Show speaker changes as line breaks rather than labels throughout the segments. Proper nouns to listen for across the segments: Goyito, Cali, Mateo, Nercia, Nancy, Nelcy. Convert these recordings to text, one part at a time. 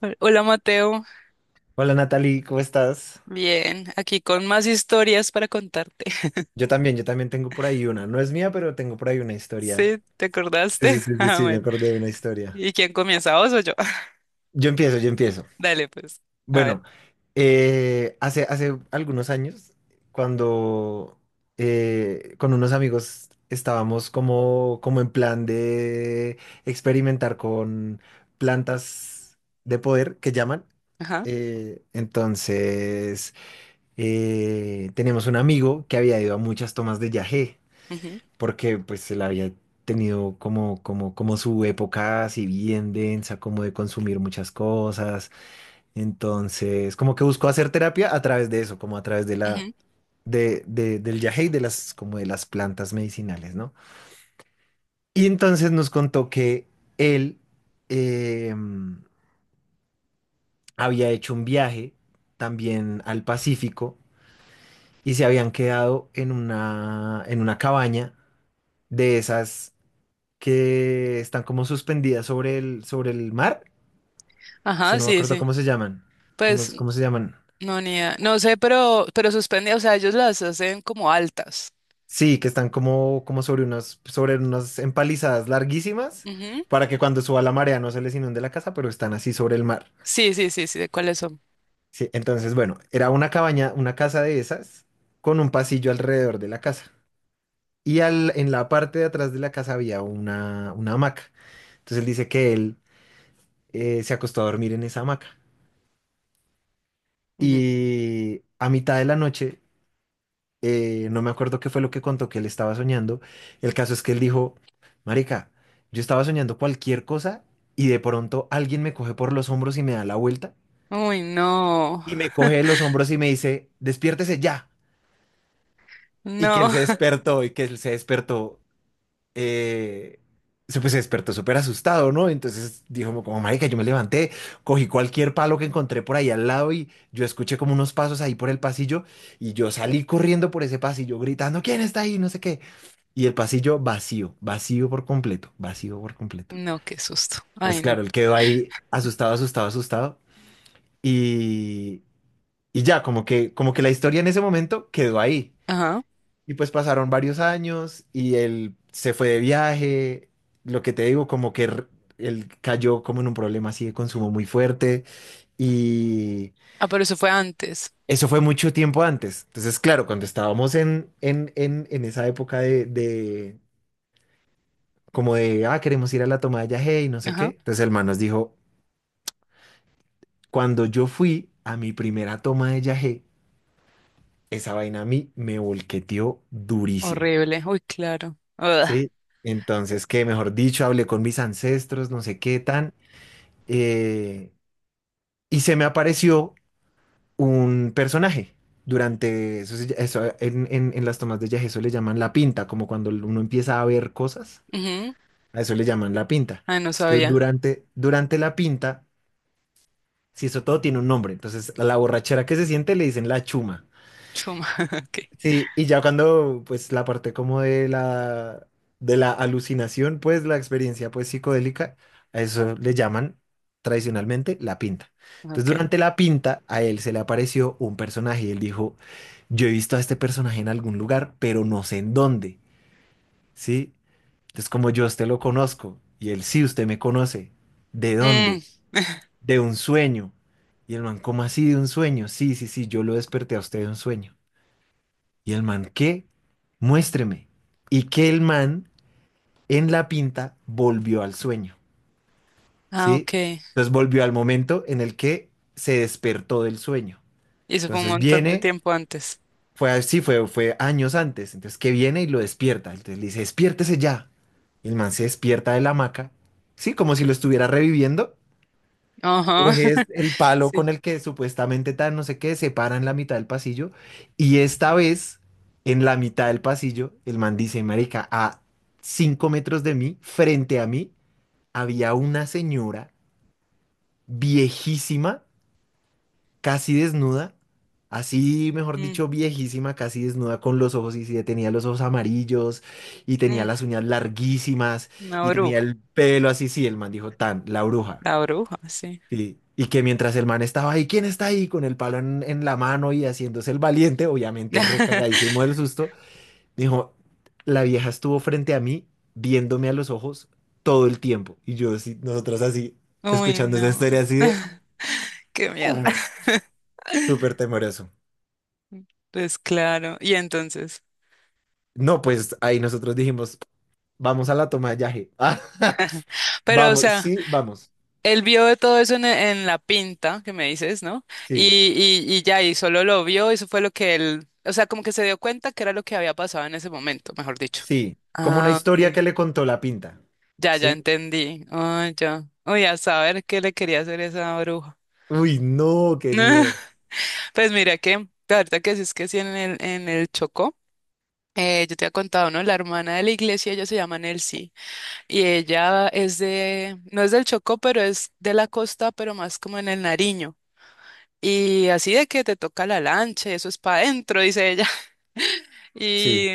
Hola Mateo,
Hola Natalie, ¿cómo estás?
bien, aquí con más historias para contarte.
Yo también tengo por ahí una. No es mía, pero tengo por ahí una historia.
Sí, ¿te
Sí, sí,
acordaste?
sí, sí,
Ah,
sí, me
bueno.
acordé de una historia.
¿Y quién comienza, vos o yo?
Yo empiezo, yo empiezo.
Dale, pues. A
Bueno,
ver.
hace algunos años, cuando con unos amigos estábamos como en plan de experimentar con plantas de poder que llaman.
Ajá.
Entonces, teníamos un amigo que había ido a muchas tomas de yagé,
Ujú,
porque pues él había tenido como su época así bien densa, como de consumir muchas cosas. Entonces, como que buscó hacer terapia a través de eso, como a través de la,
ujú.
del yagé y de las plantas medicinales, ¿no? Y entonces nos contó que él, eh, había hecho un viaje también al Pacífico y se habían quedado en una cabaña de esas que están como suspendidas sobre el mar. Es que
Ajá,
no me
sí,
acuerdo
sí.
cómo se llaman. ¿Cómo,
Pues
es- cómo se llaman?
no, ni idea. No sé, pero suspende, o sea, ellos las hacen como altas.
Sí, que están como sobre unas empalizadas larguísimas
Ujú.
para que cuando suba la marea no se les inunde la casa, pero están así sobre el mar.
Sí, sí, sí, sí, ¿de cuáles son?
Sí, entonces, bueno, era una cabaña, una casa de esas con un pasillo alrededor de la casa. En la parte de atrás de la casa había una hamaca. Entonces él dice que él, se acostó a dormir en esa hamaca.
Ujú.
Y a mitad de la noche, no me acuerdo qué fue lo que contó que él estaba soñando. El caso es que él dijo, Marica, yo estaba soñando cualquier cosa y de pronto alguien me coge por los hombros y me da la vuelta
Uy, no.
y me coge de los hombros y me dice, despiértese ya. Y que él
No.
se despertó y que él se despertó, eh, pues se despertó súper asustado, ¿no? Entonces dijo como, Marica, yo me levanté, cogí cualquier palo que encontré por ahí al lado y yo escuché como unos pasos ahí por el pasillo y yo salí corriendo por ese pasillo gritando, ¿quién está ahí? No sé qué. Y el pasillo vacío, vacío por completo, vacío por completo.
No, qué susto.
Pues
Ay, no.
claro, él quedó ahí asustado, asustado, asustado. Y, y ya, como que la historia en ese momento quedó ahí.
Ajá.
Y pues pasaron varios años y él se fue de viaje. Lo que te digo, él cayó como en un problema así de consumo muy fuerte. Y
Ah, pero eso fue antes.
eso fue mucho tiempo antes. Entonces, claro, cuando estábamos en esa época de, como de, ah, queremos ir a la toma de yagé y no sé
Ajá.
qué. Entonces el man nos dijo, cuando yo fui a mi primera toma de yagé, esa vaina a mí me volqueteó durísimo,
Horrible. Uy, claro. Ugh.
¿sí? Entonces, que mejor dicho, hablé con mis ancestros, no sé qué tan, eh, y se me apareció un personaje. Durante eso, en las tomas de yagé, eso le llaman la pinta, como cuando uno empieza a ver cosas,
Ujú.
a eso le llaman la pinta.
Ah, no
Entonces, que
sabía.
durante la pinta. Sí, eso todo tiene un nombre. Entonces, a la borrachera que se siente le dicen la chuma.
Chuma. Ok.
Sí. Y ya cuando, pues, la parte como de la alucinación, pues, la experiencia, pues, psicodélica, a eso le llaman tradicionalmente la pinta. Entonces,
Ok.
durante la pinta, a él se le apareció un personaje y él dijo, yo he visto a este personaje en algún lugar, pero no sé en dónde, ¿sí? Entonces, como yo a usted lo conozco, y él, sí, usted me conoce, ¿de
Mm.
dónde? De un sueño. Y el man, ¿cómo así de un sueño? Sí, sí, sí, yo lo desperté a usted de un sueño. Y el man, ¿qué? Muéstreme. Y que el man en la pinta volvió al sueño,
Ah,
¿sí?
ok. Y
Entonces volvió al momento en el que se despertó del sueño.
eso fue un
Entonces
montón de
viene,
tiempo antes.
fue así, fue años antes. Entonces que viene y lo despierta. Entonces le dice, despiértese ya. Y el man se despierta de la hamaca, ¿sí? Como si lo estuviera reviviendo.
Ajá.
Coges el palo con
Sí.
el que supuestamente tan no sé qué, se para en la mitad del pasillo y esta vez en la mitad del pasillo el man dice, marica, a 5 metros de mí, frente a mí, había una señora viejísima, casi desnuda, así, mejor
Mm,
dicho, viejísima, casi desnuda con los ojos y sí, tenía los ojos amarillos y tenía
mm.
las uñas larguísimas
Una
y tenía
bruja.
el pelo así, sí, el man dijo, tan, la bruja.
La bruja, sí.
Sí. Y que mientras el man estaba ahí, ¿quién está ahí? Con el palo en la mano y haciéndose el valiente, obviamente recagadísimo del susto, dijo, la vieja estuvo frente a mí, viéndome a los ojos todo el tiempo. Y yo, así, nosotros así,
Uy,
escuchando esa
no.
historia así de
Qué miedo.
"Ujú", súper temeroso.
Pues claro. Y entonces.
No, pues ahí nosotros dijimos, vamos a la toma de yaje.
Pero, o sea,
Vamos.
él vio de todo eso en la pinta que me dices, ¿no? Y,
Sí,
y ya, y solo lo vio, eso fue lo que él. O sea, como que se dio cuenta que era lo que había pasado en ese momento, mejor dicho.
sí. Como una
Ah,
historia
ok.
que le contó la pinta.
Ya, ya
Sí.
entendí. Oh, ya. Uy, a saber qué le quería hacer esa bruja.
Uy, no, qué miedo.
Pues mira que, ahorita que sí, es que sí, en el Chocó, yo te había contado, ¿no? La hermana de la iglesia, ella se llama Nelcy, y ella es de, no es del Chocó, pero es de la costa, pero más como en el Nariño. Y así de que te toca la lancha, eso es para adentro, dice ella. Y,
Sí,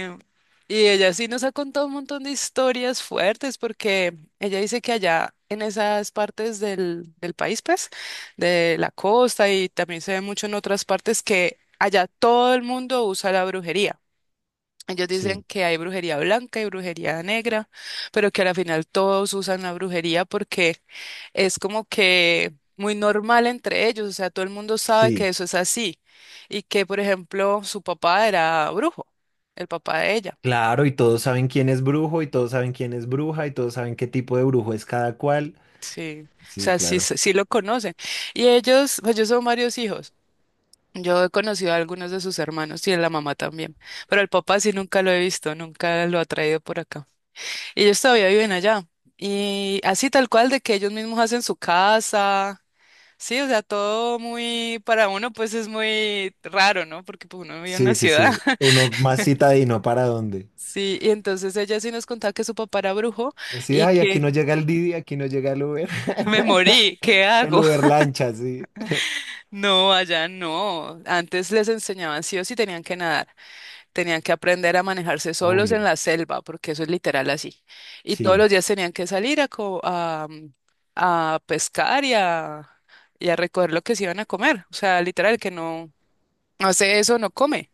y ella sí nos ha contado un montón de historias fuertes porque ella dice que allá en esas partes del, del país, pues, de la costa, y también se ve mucho en otras partes, que allá todo el mundo usa la brujería. Ellos dicen
sí.
que hay brujería blanca y brujería negra, pero que al final todos usan la brujería porque es como que muy normal entre ellos, o sea, todo el mundo sabe que
Sí,
eso es así, y que, por ejemplo, su papá era brujo, el papá de ella,
claro, y todos saben quién es brujo, y todos saben quién es bruja, y todos saben qué tipo de brujo es cada cual.
sí, o
Sí,
sea, sí,
claro.
sí lo conocen. Y ellos, pues yo son varios hijos, yo he conocido a algunos de sus hermanos y a la mamá también, pero el papá sí nunca lo he visto, nunca lo ha traído por acá. Ellos todavía viven allá. Y así tal cual de que ellos mismos hacen su casa. Sí, o sea, todo muy, para uno pues es muy raro, ¿no? Porque pues, uno vive en
Sí,
una
sí,
ciudad.
sí. Uno más citadino para dónde.
Sí, y entonces ella sí nos contaba que su papá era brujo
Así,
y
ay, aquí no
que
llega el Didi, aquí no llega el Uber.
me morí, ¿qué
El
hago?
Uber lancha, sí.
No, allá no. Antes les enseñaban sí o sí, tenían que nadar, tenían que aprender a manejarse solos en
Obvio.
la selva, porque eso es literal así. Y todos
Sí,
los días tenían que salir a, a pescar y a recoger lo que se iban a comer. O sea, literal, que no hace eso, no come.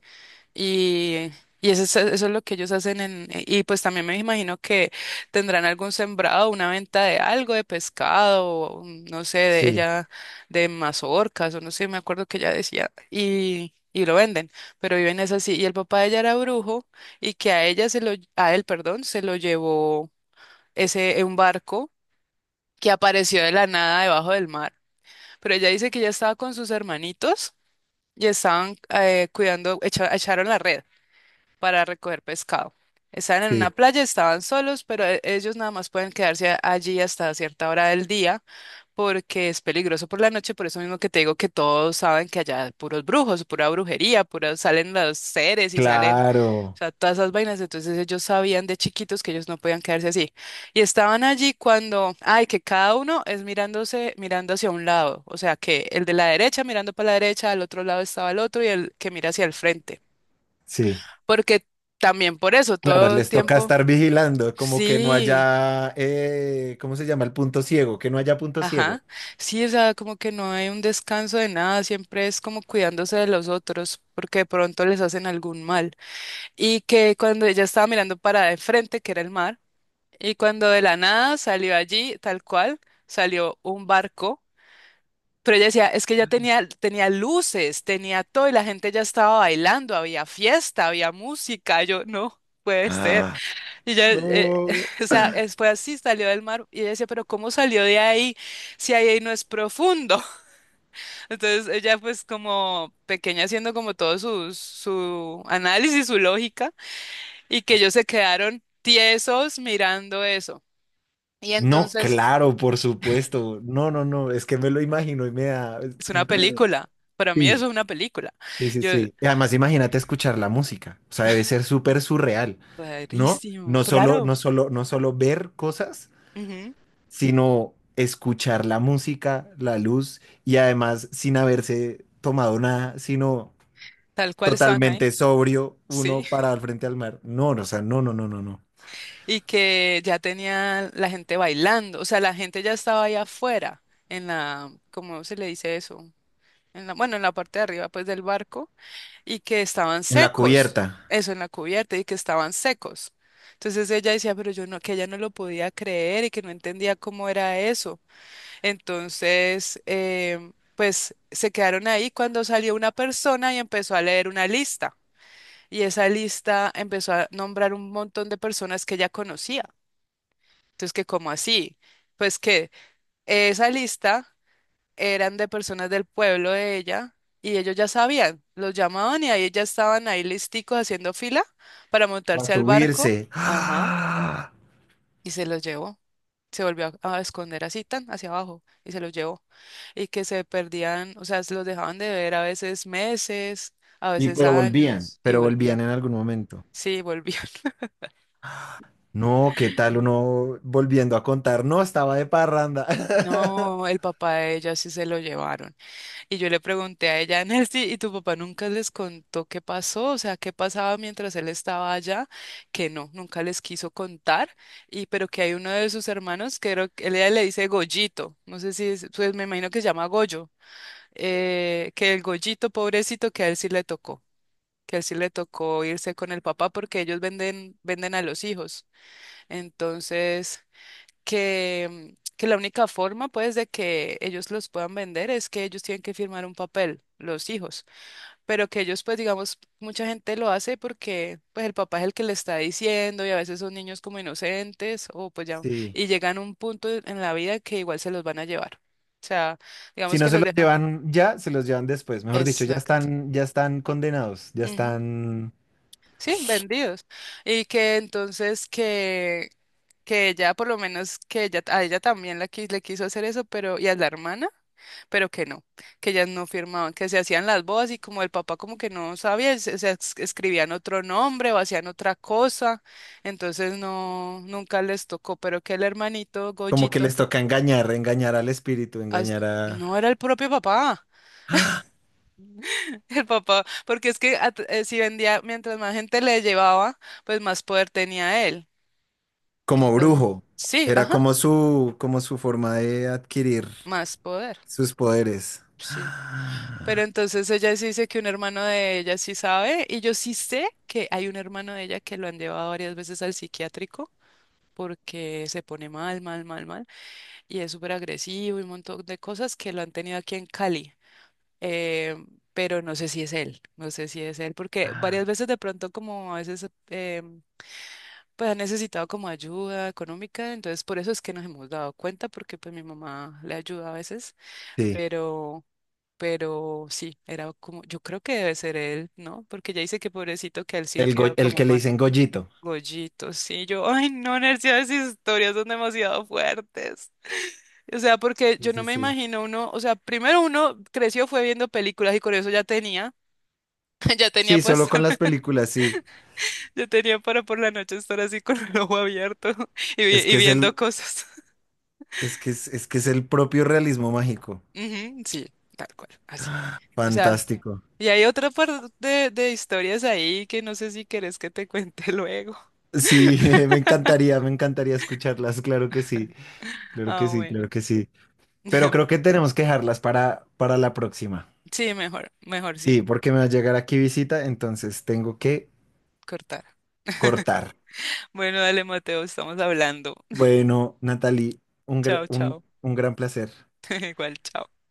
Y, y eso es lo que ellos hacen en, y pues también me imagino que tendrán algún sembrado, una venta de algo, de pescado, o, no sé, de
sí,
ella, de mazorcas, o no sé, me acuerdo que ella decía, y lo venden, pero viven es así. Y el papá de ella era brujo, y que a ella se lo, a él, perdón, se lo llevó ese, un barco que apareció de la nada debajo del mar. Pero ella dice que ella estaba con sus hermanitos y estaban cuidando, echaron la red para recoger pescado. Estaban en una
sí.
playa, estaban solos, pero ellos nada más pueden quedarse allí hasta cierta hora del día, porque es peligroso por la noche, por eso mismo que te digo que todos saben que allá hay puros brujos, pura brujería, pura, salen los seres y salen, o
Claro,
sea, todas esas vainas, entonces ellos sabían de chiquitos que ellos no podían quedarse así. Y estaban allí cuando, ay, que cada uno es mirándose, mirando hacia un lado, o sea, que el de la derecha mirando para la derecha, al otro lado estaba el otro y el que mira hacia el frente.
sí.
Porque también por eso,
Claro,
todo el
les toca
tiempo,
estar vigilando, como que no
sí,
haya, ¿cómo se llama? El punto ciego, que no haya punto ciego.
ajá, sí, o sea, como que no hay un descanso de nada, siempre es como cuidándose de los otros, porque de pronto les hacen algún mal. Y que cuando ella estaba mirando para de frente, que era el mar, y cuando de la nada salió allí, tal cual, salió un barco, pero ella decía, es que ya tenía, tenía luces, tenía todo, y la gente ya estaba bailando, había fiesta, había música, yo no. Puede ser.
Ah,
Y ella,
no.
o sea, fue así, salió del mar y ella decía, pero ¿cómo salió de ahí si ahí no es profundo? Entonces ella pues como pequeña haciendo como todo su, su análisis, su lógica, y que ellos se quedaron tiesos mirando eso. Y
No,
entonces
claro, por supuesto. No, no, no, es que me lo imagino y me da...
es una película, para mí
Sí.
eso es una película.
Sí, sí,
Yo,
sí. Y además, imagínate escuchar la música. O sea, debe ser súper surreal, ¿no?
rarísimo,
No solo,
claro,
no solo, no solo ver cosas,
ujú,
sino escuchar la música, la luz, y además sin haberse tomado nada, sino
tal cual estaban ahí,
totalmente sobrio,
sí.
uno parado al frente al mar. No, no, o sea, no, no, no, no, no.
Y que ya tenía la gente bailando, o sea, la gente ya estaba ahí afuera, en la, ¿cómo se le dice eso? En la, bueno, en la parte de arriba, pues, del barco, y que estaban
En la
secos,
cubierta,
eso en la cubierta, y que estaban secos. Entonces ella decía, pero yo no, que ella no lo podía creer y que no entendía cómo era eso. Entonces, pues se quedaron ahí cuando salió una persona y empezó a leer una lista. Y esa lista empezó a nombrar un montón de personas que ella conocía. Entonces, ¿que como así? Pues que esa lista eran de personas del pueblo de ella y ellos ya sabían, los llamaban y ahí ya estaban ahí listicos haciendo fila para
para
montarse al barco.
subirse.
Ajá. Y se los llevó. Se volvió a esconder así tan hacia abajo y se los llevó. Y que se perdían, o sea, se los dejaban de ver a veces meses, a
Y
veces años, y
pero volvían
volvían.
en algún momento.
Sí, volvían.
No, ¿qué tal uno volviendo a contar? No, estaba de parranda.
No, el papá de ella sí se lo llevaron. Y yo le pregunté a ella, Nancy, ¿y tu papá nunca les contó qué pasó? O sea, ¿qué pasaba mientras él estaba allá? Que no, nunca les quiso contar. Y pero que hay uno de sus hermanos, que creo que él ella le dice Goyito, no sé si pues me imagino que se llama Goyo, que el Goyito pobrecito que a él sí le tocó, que a él sí le tocó irse con el papá porque ellos venden, venden a los hijos. Entonces, que la única forma, pues, de que ellos los puedan vender es que ellos tienen que firmar un papel, los hijos, pero que ellos, pues, digamos, mucha gente lo hace porque, pues, el papá es el que le está diciendo, y a veces son niños como inocentes o, pues, ya,
Sí.
y llegan a un punto en la vida que igual se los van a llevar. O sea,
Si
digamos
no
que
se
los
los
dejan.
llevan ya, se los llevan después. Mejor dicho,
Exacto.
ya están condenados, ya
Ujú.
están
Sí, vendidos. Y que entonces que ella, por lo menos, que ella, a ella también la, le quiso hacer eso, pero, y a la hermana, pero que no, que ellas no firmaban, que se hacían las bodas y como el papá como que no sabía, se, escribían otro nombre o hacían otra cosa, entonces no, nunca les tocó, pero que el hermanito
como que
Goyito
les toca engañar, engañar al espíritu,
as-
engañar a
no era el propio papá, el papá, porque es que si vendía, mientras más gente le llevaba, pues más poder tenía él.
como
Entonces,
brujo.
sí,
Era
ajá,
como su forma de adquirir
más poder.
sus poderes.
Sí. Pero entonces ella sí dice que un hermano de ella sí sabe, y yo sí sé que hay un hermano de ella que lo han llevado varias veces al psiquiátrico porque se pone mal, mal, mal, mal, y es súper agresivo, y un montón de cosas que lo han tenido aquí en Cali. Eh, pero no sé si es él, no sé si es él, porque varias veces de pronto como a veces pues ha necesitado como ayuda económica, entonces por eso es que nos hemos dado cuenta, porque pues mi mamá le ayuda a veces,
Sí.
pero... Pero sí, era como, yo creo que debe ser él, ¿no? Porque ya dice que pobrecito que él sí
El, go-
quedó
el
como
que le
mal.
dicen Gollito.
Gollito, sí, yo, ay, no, Nercia, esas historias son demasiado fuertes. O sea, porque
Sí,
yo no
sí,
me
sí.
imagino uno, o sea, primero uno creció, fue viendo películas y con eso ya tenía, ya tenía
Sí,
pues,
solo con las películas, sí.
ya tenía para por la noche estar así con el ojo abierto y,
Es
y
que es
viendo
el,
cosas.
es que es el propio realismo mágico.
Ujú, sí, tal cual, así. O sea,
Fantástico.
y hay otra parte de historias ahí que no sé si querés que te cuente luego.
Sí, me encantaría escucharlas, claro que sí, claro que
Ah,
sí,
bueno.
claro que sí. Pero creo que tenemos que dejarlas para la próxima.
Sí, mejor, mejor
Sí,
sí,
porque me va a llegar aquí visita, entonces tengo que
cortar.
cortar.
Bueno, dale, Mateo, estamos hablando.
Bueno, Natalie, un,
Chao,
gr- un,
chao.
un gran placer.
Igual, chao.